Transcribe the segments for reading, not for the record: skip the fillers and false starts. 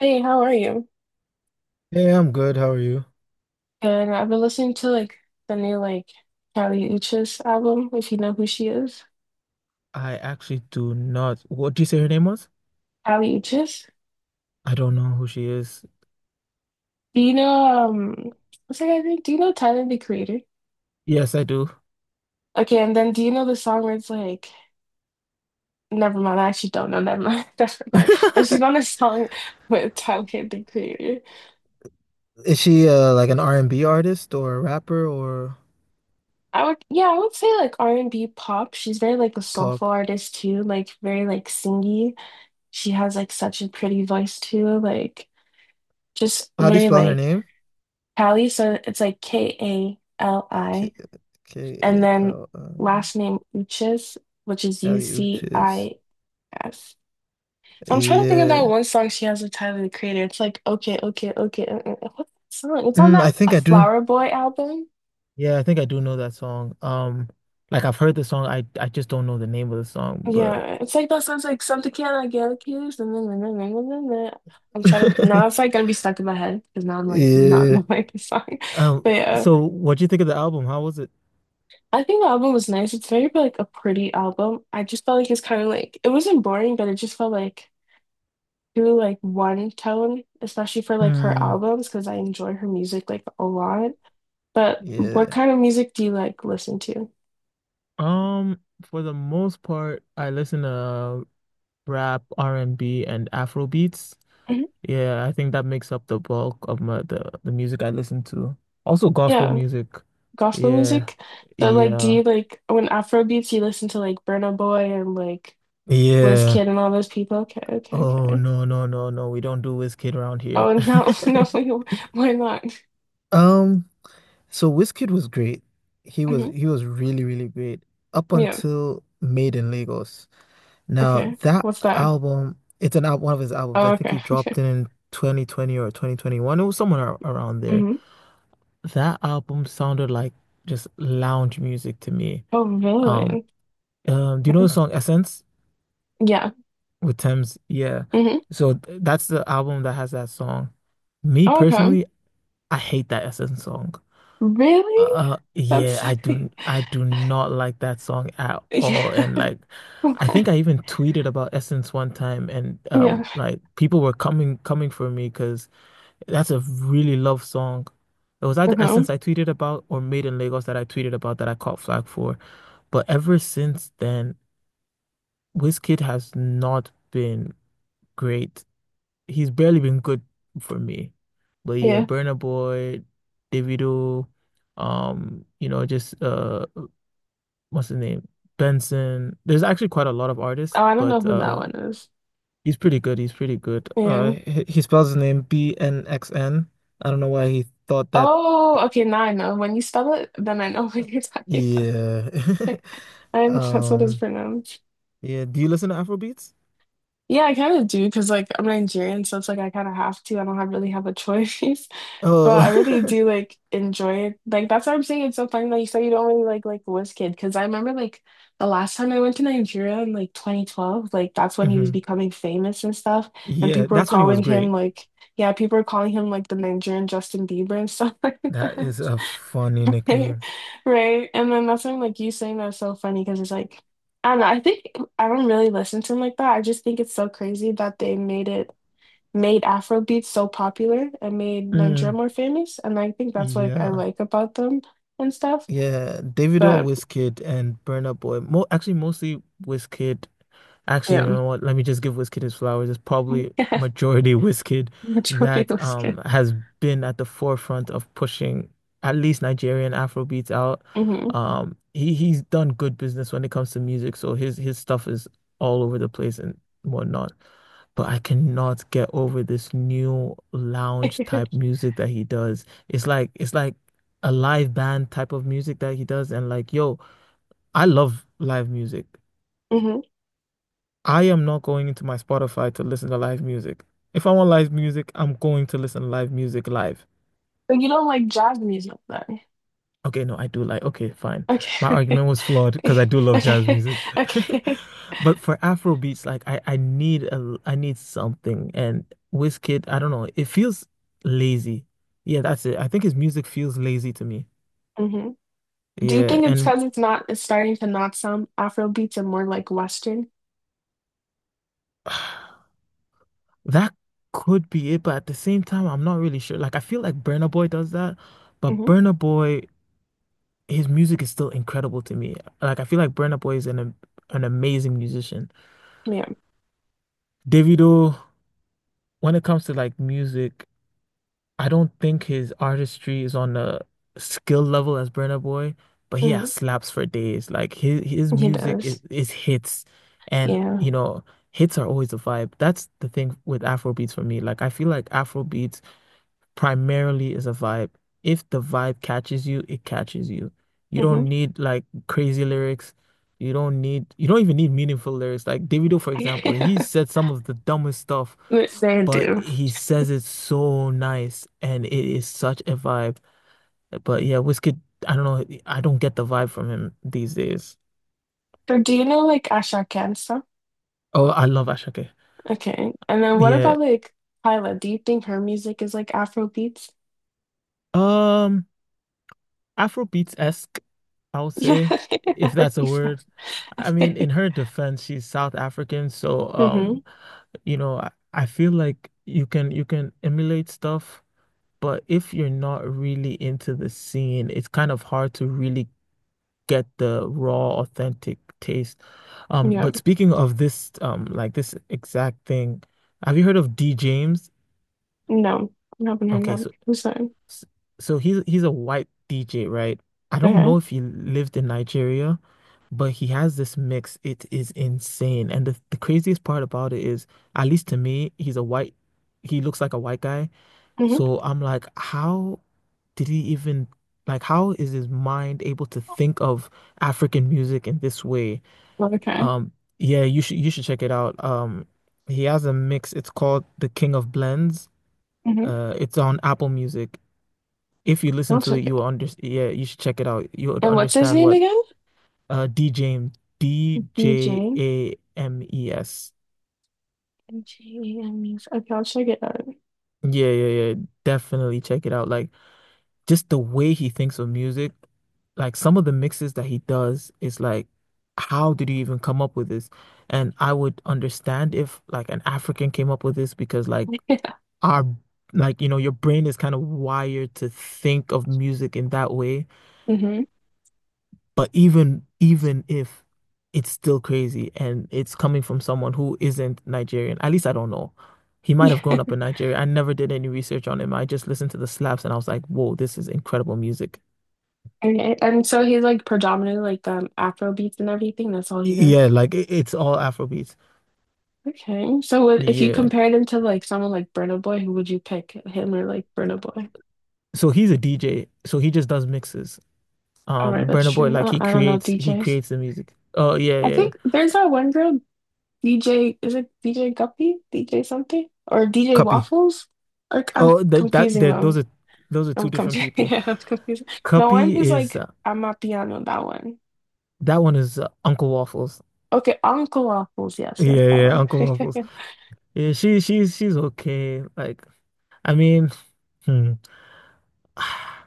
Hey, how are you? Hey, I'm good. How are you? And I've been listening to like the new like Kali Uchis album, if you know who she is. I actually do not. What do you say her name was? Kali Uchis. I don't know who she is. Do you know what's that guy's name? Do you know Tyler the Creator? Yes, I do. Okay, and then do you know the song where it's like never mind, I actually don't know, never mind, never mind. But she's on a song with Tyler the Creator. Is she like an R&B artist or a rapper or I would yeah, I would say like R and B pop. She's very like a pop? soulful artist too, like very like singy. She has like such a pretty voice too, like just How do you very spell her like name? Kali, so it's like K Kali, K and A then L uh, last name Uchis, which is Kali Uchis. Ucis. I'm trying to think of that Yeah. one song she has with Tyler, the Creator. It's like, okay, okay, okay. What's that song? It's on Mm, that I A think I do. Flower Boy album. Yeah, I think I do know that song. Like I've heard the song. I just don't know the name of the song. But Yeah, it's like that sounds like something can I get accused? And then. I'm trying to now it's like gonna be stuck in my head because now I'm like not yeah. knowing the song. But um, yeah. so what do you think of the album? How was it? I think the album was nice. It's very like a pretty album. I just felt like it's kind of like it wasn't boring, but it just felt like too like one tone, especially for like her Mm, albums, because I enjoy her music like a lot. But what yeah. kind of music do you like listen to? For the most part, I listen to rap, R&B, and B, and Afro beats. Mhm. Yeah, I think that makes up the bulk of the music I listen to. Also gospel Yeah, music. gospel Yeah. music. So like, do Yeah. you like when Afrobeats you listen to like Burna Boy and like Wizkid Yeah. and all those people? Okay, okay, Oh okay. no, no, no, no. We don't do Wizkid around Oh, here. and no, no, why not? Um, so Wizkid was great. He was Mhm. he was really, really great up Yeah, until Made in Lagos. Now okay. that What's that? album, it's an al one of his albums. I Oh, think okay, he dropped okay. it in 2020 or 2021. It was somewhere around there. Mhm. That album sounded like just lounge music to me. Oh, Um, really? Do you know Okay. the song Essence Yeah. with Thames? Yeah. Hmm. So that's the album that has that song. Me Oh, okay. personally, I hate that Essence song. Really? Yeah, That's I do not like that song at yeah. all. And like I What? think I even tweeted about Essence one time and Yeah. Like people were coming for me because that's a really love song. It was either Uh-huh. Essence I tweeted about or Made in Lagos that I tweeted about that I caught flag for. But ever since then, Wizkid has not been great. He's barely been good for me. But yeah, Yeah. Burna Boy, Davido, you know, just what's his name? Benson. There's actually quite a lot of Oh, artists, I don't know but who that one is. he's pretty good. He's pretty good. Yeah. He spells his name B-N-X-N. I don't know why he thought that. Oh, okay. Now I know. When you spell it, then I know what you're talking about. Yeah. Okay. I know that's what it's Um pronounced. yeah, do you listen to Afrobeats? Yeah, I kind of do because like I'm Nigerian, so it's like I kind of have to. I don't have really have a choice. But Oh. I really do like enjoy it. Like that's why I'm saying it's so funny that you said you don't really like Wizkid because I remember like the last time I went to Nigeria in like 2012, like that's when he was hmm. becoming famous and stuff, and Yeah, people were that's when he was calling him great. like yeah, people were calling him like the Nigerian Justin Bieber and stuff like That that, is a funny nickname. right? And then that's when like you saying that's so funny because it's like I don't know. I think I don't really listen to him like that. I just think it's so crazy that they made Afro so popular and made Nigeria Mm, more famous. And I think that's like I yeah. like about them and stuff. Yeah, Davido, But Wizkid, and Burna Boy. Mo actually, mostly Wizkid. Actually, you yeah, know what? Let me just give Wizkid his flowers. It's probably Yeah. majority Wizkid Majority that was good. Has been at the forefront of pushing at least Nigerian Afrobeats out. Hmm. He's done good business when it comes to music, so his stuff is all over the place and whatnot. But I cannot get over this new lounge type music that he does. It's like a live band type of music that he does. And like, yo, I love live music. Hmm. I am not going into my Spotify to listen to live music. If I want live music, I'm going to listen to live music live. But you don't like jazz music then? Okay, no, I do like, okay, fine. My Okay. argument was flawed because I do love jazz Okay. music. Okay. But for Afro beats, like I need a I need something. And Wizkid, I don't know, it feels lazy. Yeah, that's it. I think his music feels lazy to me. Hmm. Do you Yeah, think it's and because it's starting to not sound Afro beats and more like Western? that could be it, but at the same time, I'm not really sure. Like, I feel like Burna Boy does that, but Hmm. Burna Boy, his music is still incredible to me. Like, I feel like Burna Boy is an amazing musician. Yeah. Davido, when it comes to like music, I don't think his artistry is on the skill level as Burna Boy, but he has Hmm. slaps for days. Like his He music is, does. is hits, and Yeah. you know, hits are always a vibe. That's the thing with Afrobeats for me. Like, I feel like Afrobeats primarily is a vibe. If the vibe catches you, it catches you. You Hmm. don't need like crazy lyrics. You don't even need meaningful lyrics. Like Davido, for example, he said some of the dumbest stuff, They but do. he says it so nice and it is such a vibe. But yeah, Wizkid, I don't know, I don't get the vibe from him these days. But do you know like Asha Kent? Oh, I love Ashake. Okay. And then what Yeah. about like Hyla? Do you think her music is like Afro beats? Um, Afrobeats-esque. I'll Yeah. say, if Afro that's a beats. word. I mean, in Okay. her defense, she's South African, so Mm-hmm. You know, I feel like you can emulate stuff, but if you're not really into the scene, it's kind of hard to really get the raw, authentic taste. But Yep. speaking of this, like this exact thing, have you heard of D James? No. I haven't heard Okay, that. so I'm sorry. S- So he's a white DJ, right? I don't know Okay. if he lived in Nigeria, but he has this mix. It is insane. And the craziest part about it is, at least to me, he looks like a white guy. Mm-hmm. So I'm like, how did he even like how is his mind able to think of African music in this way? Okay. Um, yeah, you should check it out. He has a mix. It's called The King of Blends. Mm-hmm. It's on Apple Music. If you listen That's to it, okay. you will under yeah, you should check it out. You would And what's his understand name what again? DJing D J DJ. A M E S. DJ. Okay, I'll check it out. Yeah, yeah, yeah. Definitely check it out. Like just the way he thinks of music, like some of the mixes that he does is like, how did you even come up with this? And I would understand if like an African came up with this because like our like you know your brain is kind of wired to think of music in that way. Mm-hmm. But even if it's still crazy and it's coming from someone who isn't Nigerian, at least I don't know. He might have Yeah. grown up in Nigeria. I never did any research on him. I just listened to the slaps and I was like, whoa, this is incredible music. Okay. And so he's like predominantly like Afro beats and everything. That's all he does. Yeah, like it's all Afrobeats. Okay. So if you Yeah. compared him to like someone like Burna Boy, who would you pick? Him or like Burna Boy? So he's a DJ. So he just does mixes. All right, that's Burna Boy, true. I like he don't, I don't know creates he DJs. creates the music. Oh yeah, I yeah, yeah. think there's that one girl, DJ, is it DJ Guppy? DJ something? Or DJ Cuppy. Waffles? Or I'm Oh, that that confusing that them. Those are I'm two different confusing. people. Yeah, I'm confusing. The one Cuppy who's is like, I'm a piano, that one. that one is Uncle Waffles. Okay, Uncle Waffles. Yes, yes, Yeah, that yeah, one. Uncle Waffles. Yeah, she's okay. Like, I mean, hmm,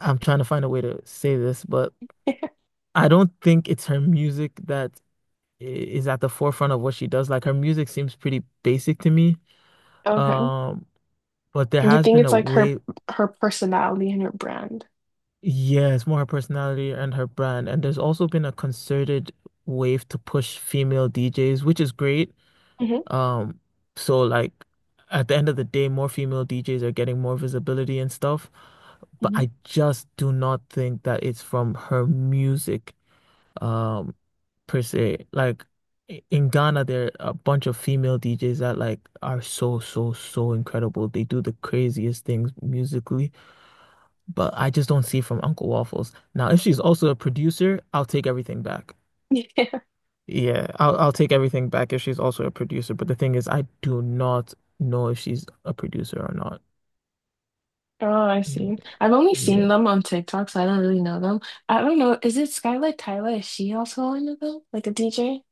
I'm trying to find a way to say this, but I don't think it's her music that is at the forefront of what she does. Like, her music seems pretty basic to me. Okay. Um, but there You has think been it's a like her way, her personality and her brand. yeah, it's more her personality and her brand. And there's also been a concerted wave to push female DJs, which is great. Um, so like at the end of the day, more female DJs are getting more visibility and stuff, but Hmm. I just do not think that it's from her music, um, per se. Like in Ghana, there are a bunch of female DJs that like are so, so, so incredible. They do the craziest things musically, but I just don't see it from Uncle Waffles. Now, if she's also a producer, I'll take everything back. Yeah, I'll take everything back if she's also a producer. But the thing is, I do not know if she's a producer or not. Oh, I Mm, see. I've only seen yeah. them on TikTok, so I don't really know them. I don't know. Is it Skylar Tyler? Is she also one of them? Like a DJ?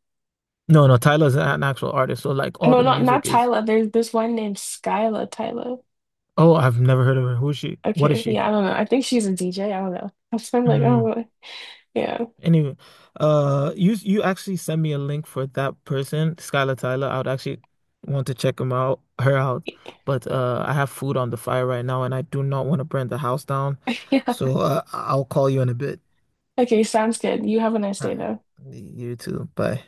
No, no, Tyler's an actual artist. So like all No, the not music is Tyler. There's this one named Skylar Tyler. oh, I've never heard of her. Who is she? What is Okay, she? yeah, I don't know. I think she's a DJ. I don't know. I'm like, oh, Mm. really? Yeah, Anyway, you actually send me a link for that person, Skylar Tyler. I would actually want to check him out, her out. But I have food on the fire right now and I do not want to burn the house down. yeah. So I'll call you in a bit. Okay, sounds good. You have a nice All day, right. though. You too. Bye.